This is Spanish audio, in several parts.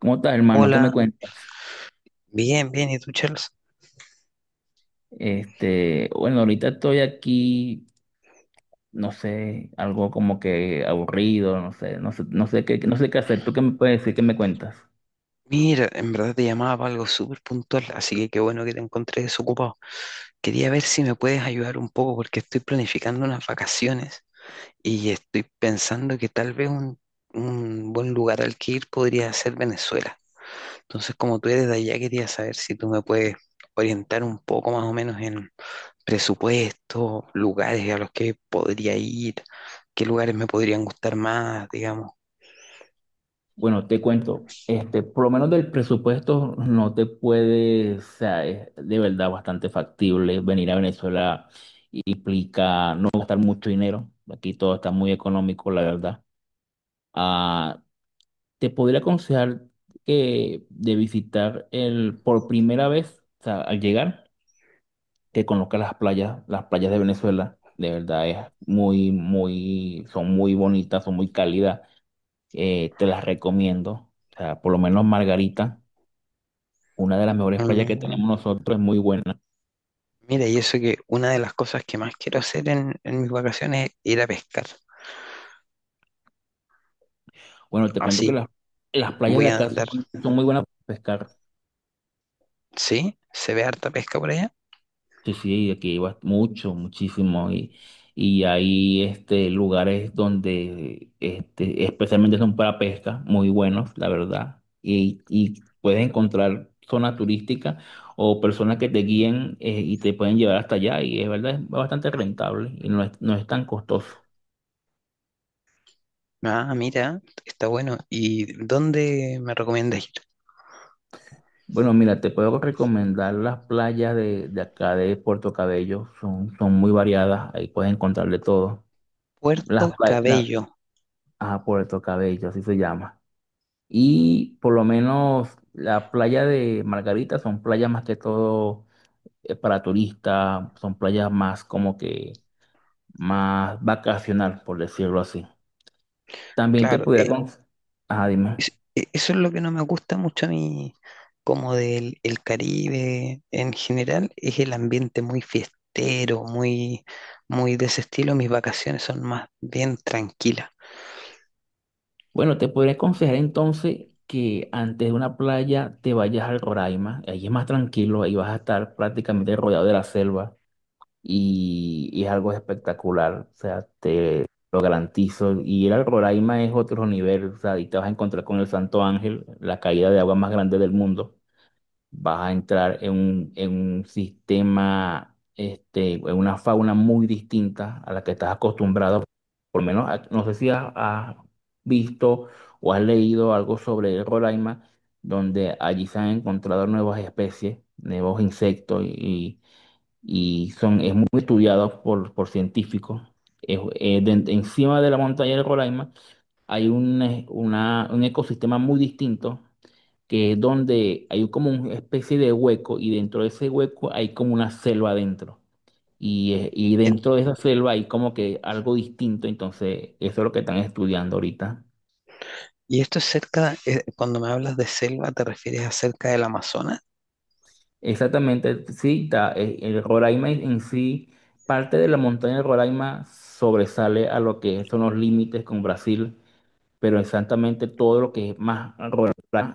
¿Cómo estás, hermano? ¿Qué Hola, me cuentas? bien, bien, ¿y tú, Charles? Bueno, ahorita estoy aquí, no sé, algo como que aburrido, no sé, no sé, no sé qué, no sé qué hacer. ¿Tú qué me puedes decir? ¿Qué me cuentas? Mira, en verdad te llamaba para algo súper puntual, así que qué bueno que te encontré desocupado. Quería ver si me puedes ayudar un poco porque estoy planificando unas vacaciones y estoy pensando que tal vez un buen lugar al que ir podría ser Venezuela. Entonces, como tú eres de allá, quería saber si tú me puedes orientar un poco más o menos en presupuesto, lugares a los que podría ir, qué lugares me podrían gustar más, digamos. Bueno, te cuento, por lo menos del presupuesto no te puede, o sea, es de verdad bastante factible venir a Venezuela, implica no gastar mucho dinero. Aquí todo está muy económico, la verdad. Ah, te podría aconsejar que de visitar el por primera vez, o sea, al llegar, que conozcas las playas de Venezuela. De verdad es muy, muy, son muy bonitas, son muy cálidas. Te las recomiendo. O sea, por lo menos Margarita, una de las mejores playas que Mm. tenemos nosotros, es muy buena. Mira, y eso que una de las cosas que más quiero hacer en mis vacaciones es ir a pescar. Bueno, te cuento Así las playas voy de a acá son, andar. son muy buenas para pescar. ¿Sí? ¿Se ve harta pesca por allá? Sí, sí, aquí iba mucho, muchísimo. Y hay lugares donde especialmente son para pesca, muy buenos, la verdad. Y puedes encontrar zonas turísticas o personas que te guíen, y te pueden llevar hasta allá. Y es verdad, es bastante rentable y no es tan costoso. Ah, mira, está bueno. ¿Y dónde me recomiendas ir? Bueno, mira, te puedo recomendar las playas de acá de Puerto Cabello. Son muy variadas, ahí puedes encontrar de todo. Las Puerto playas, Cabello, ah, Puerto Cabello, así se llama. Y por lo menos la playa de Margarita son playas más que todo, para turistas, son playas más como que más vacacional, por decirlo así. También te claro. pudiera con... Ajá, dime. Eso es lo que no me gusta mucho a mí, como del el Caribe en general, es el ambiente muy fiestero, muy, muy de ese estilo. Mis vacaciones son más bien tranquilas. Bueno, te podría aconsejar entonces que antes de una playa te vayas al Roraima, ahí es más tranquilo, ahí vas a estar prácticamente rodeado de la selva. Y es algo espectacular, o sea, te lo garantizo. Y ir al Roraima es otro nivel, o sea, y te vas a encontrar con el Santo Ángel, la caída de agua más grande del mundo. Vas a entrar en un sistema, este, en una fauna muy distinta a la que estás acostumbrado. Por lo menos, no sé si has visto o has leído algo sobre el Roraima, donde allí se han encontrado nuevas especies, nuevos insectos y son, es muy estudiado por científicos. De encima de la montaña del Roraima un ecosistema muy distinto, que es donde hay como una especie de hueco y dentro de ese hueco hay como una selva adentro. Y dentro de esa selva hay como que algo distinto, entonces eso es lo que están estudiando ahorita. Y esto es cerca, cuando me hablas de selva, ¿te refieres a cerca del Amazonas? Exactamente, sí, el Roraima en sí, parte de la montaña del Roraima sobresale a lo que son los límites con Brasil, pero exactamente todo lo que es más rural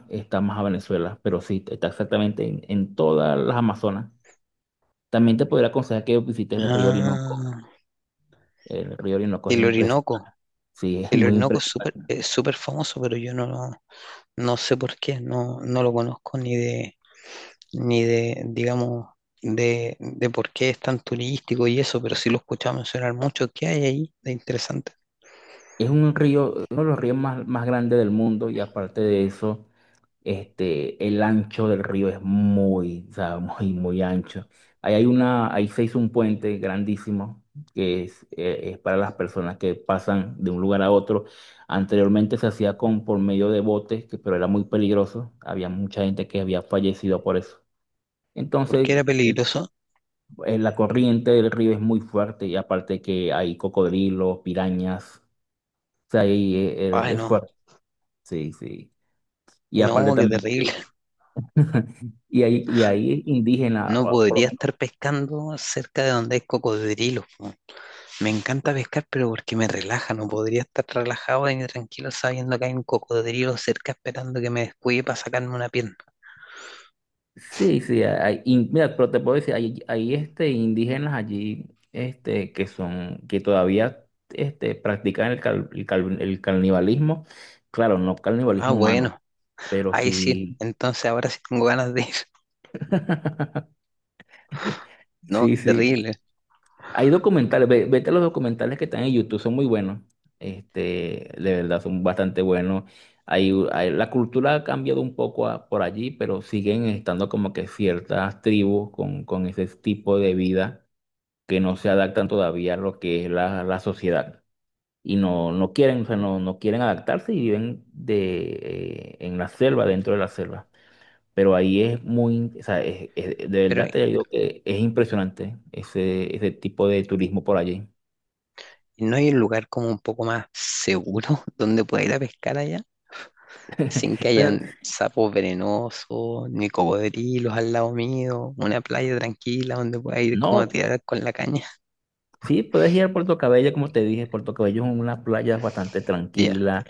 está más a Venezuela, pero sí, está exactamente en todas las Amazonas. También te podría aconsejar que visites el río Orinoco. Ah, El río Orinoco es el impresionante. Orinoco. Sí, es El muy Orinoco es súper, impresionante. es súper famoso, pero yo no sé por qué, no lo conozco ni de, ni de, digamos, de por qué es tan turístico y eso, pero sí lo he escuchado mencionar mucho. ¿Qué hay ahí de interesante? Es un río, uno de los ríos más grandes del mundo, y aparte de eso, el ancho del río es muy, o sea, muy, muy ancho. Ahí se hizo un puente grandísimo que es para las personas que pasan de un lugar a otro. Anteriormente se hacía por medio de botes, que, pero era muy peligroso. Había mucha gente que había fallecido por eso. ¿Por qué Entonces, era eh, peligroso? La corriente del río es muy fuerte y aparte que hay cocodrilos, pirañas, o sea, ahí Ay, es no, fuerte. Sí, sí. Y aparte no, qué también terrible. que y ahí, y ahí indígenas, No o por lo podría menos. estar pescando cerca de donde hay cocodrilos. Me encanta pescar, pero porque me relaja, no podría estar relajado ni tranquilo sabiendo que hay un cocodrilo cerca esperando que me descuide para sacarme una pierna. Sí, sí, mira, pero te puedo decir, hay indígenas allí que son, que todavía practican el canibalismo. Claro, no Ah, canibalismo humano, bueno, pero ahí sí, sí. entonces ahora sí tengo ganas de ir. No, Sí, qué sí. terrible. Hay documentales, vete a los documentales que están en YouTube, son muy buenos. De verdad, son bastante buenos. La cultura ha cambiado un poco por allí, pero siguen estando como que ciertas tribus con ese tipo de vida que no se adaptan todavía a lo que es la sociedad. Y no, no quieren, o sea, no, no quieren adaptarse y viven de, en la selva, dentro de la selva. Pero ahí es muy, o sea, de Pero verdad ¿y te digo que es impresionante ese, ese tipo de turismo por allí. no hay un lugar como un poco más seguro donde pueda ir a pescar allá, sin que Pero hayan sapos venenosos, ni cocodrilos al lado mío, una playa tranquila donde pueda ir como a no, tirar con la caña. sí, puedes ir a Puerto Cabello, como te dije, Puerto Cabello es una playa bastante Ya, tranquila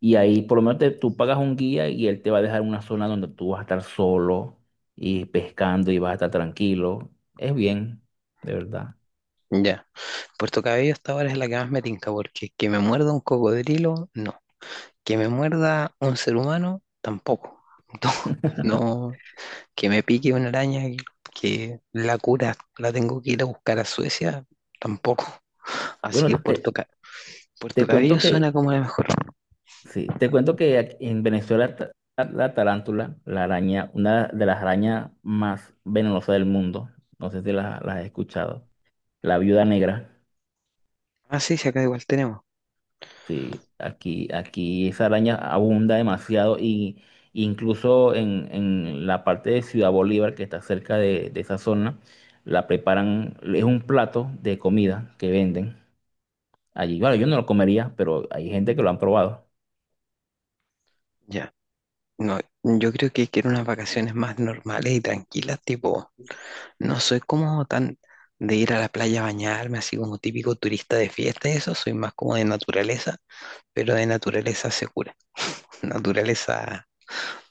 y ahí por lo menos tú pagas un guía y él te va a dejar una zona donde tú vas a estar solo y pescando y vas a estar tranquilo. Es bien, de verdad. ya. Puerto Cabello hasta ahora es la que más me tinca, porque que me muerda un cocodrilo, no. Que me muerda un ser humano, tampoco. No, no. Que me pique una araña, que la cura la tengo que ir a buscar a Suecia, tampoco. Así que Bueno, Puerto, Ca- Puerto te cuento. Mm. Cabello suena como la mejor. Sí, te cuento que aquí en Venezuela tarántula, la araña, una de las arañas más venenosas del mundo, no sé si las la la has escuchado, la viuda negra. Ah, sí, sí, acá igual tenemos. Sí, aquí, aquí esa araña abunda demasiado y incluso en la parte de Ciudad Bolívar que está cerca de esa zona, la preparan, es un plato de comida que venden allí. Bueno, yo no lo comería, pero hay gente que lo han probado. Ya. No, yo creo que quiero unas vacaciones más normales y tranquilas, tipo. No soy como tan de ir a la playa a bañarme, así como típico turista de fiesta y eso, soy más como de naturaleza, pero de naturaleza segura. Naturaleza,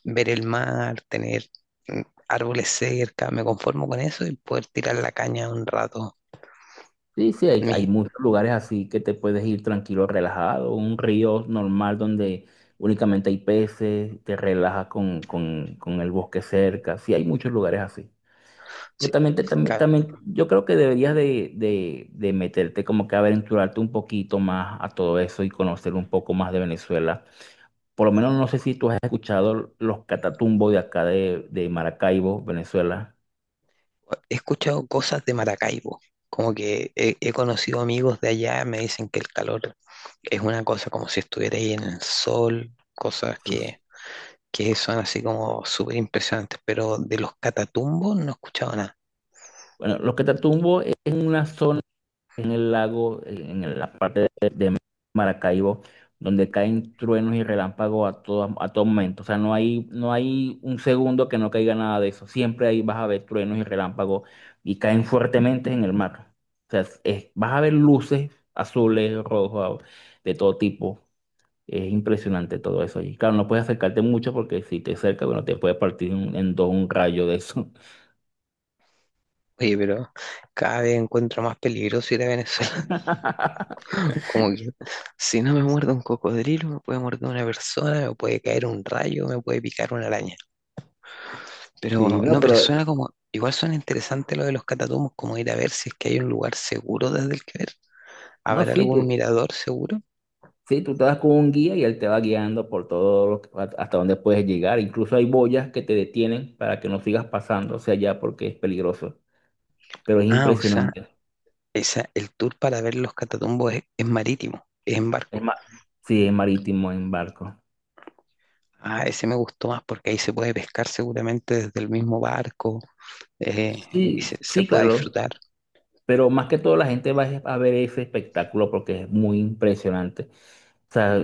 ver el mar, tener mm, árboles cerca, me conformo con eso y poder tirar la caña un rato. Sí, sí, hay Mi, muchos lugares así que te puedes ir tranquilo, relajado, un río normal donde únicamente hay peces, te relajas con el bosque cerca. Sí, hay muchos lugares así. Pero sí, también, también, ca- también yo creo que deberías de meterte como que a aventurarte un poquito más a todo eso y conocer un poco más de Venezuela. Por lo menos no sé si tú has escuchado los catatumbos de acá de Maracaibo, Venezuela. he escuchado cosas de Maracaibo, como que he conocido amigos de allá, me dicen que el calor es una cosa como si estuviera ahí en el sol, cosas Sí. Que son así como súper impresionantes, pero de los catatumbos no he escuchado nada. Bueno, los Catatumbo es una zona en el lago, en la parte de Maracaibo, donde caen truenos y relámpagos a todo momento. O sea, no hay un segundo que no caiga nada de eso. Siempre ahí vas a ver truenos y relámpagos y caen fuertemente en el mar. O sea, vas a ver luces azules, rojos, de todo tipo. Es impresionante todo eso allí. Claro, no puedes acercarte mucho porque si te acercas, bueno, te puede partir en dos un rayo de eso. Oye, pero cada vez encuentro más peligroso ir a Venezuela. Como que si no me muerde un cocodrilo, me puede morder una persona, me puede caer un rayo, me puede picar una araña. Sí, Pero no, no, pero pero suena como, igual suena interesante lo de los catatumbos, como ir a ver si es que hay un lugar seguro desde el que ver. no, ¿Habrá sí, algún tú. mirador seguro? Sí, tú te vas con un guía y él te va guiando por todo hasta donde puedes llegar. Incluso hay boyas que te detienen para que no sigas pasando hacia allá porque es peligroso. Pero es Ah, o sea, impresionante. esa, el tour para ver los catatumbos es marítimo, es en Es barco. ma- sí, es marítimo en barco. Ah, ese me gustó más porque ahí se puede pescar seguramente desde el mismo barco y Sí, se sí, puede claro. disfrutar. Pero más que todo la gente va a ver ese espectáculo porque es muy impresionante. O sea,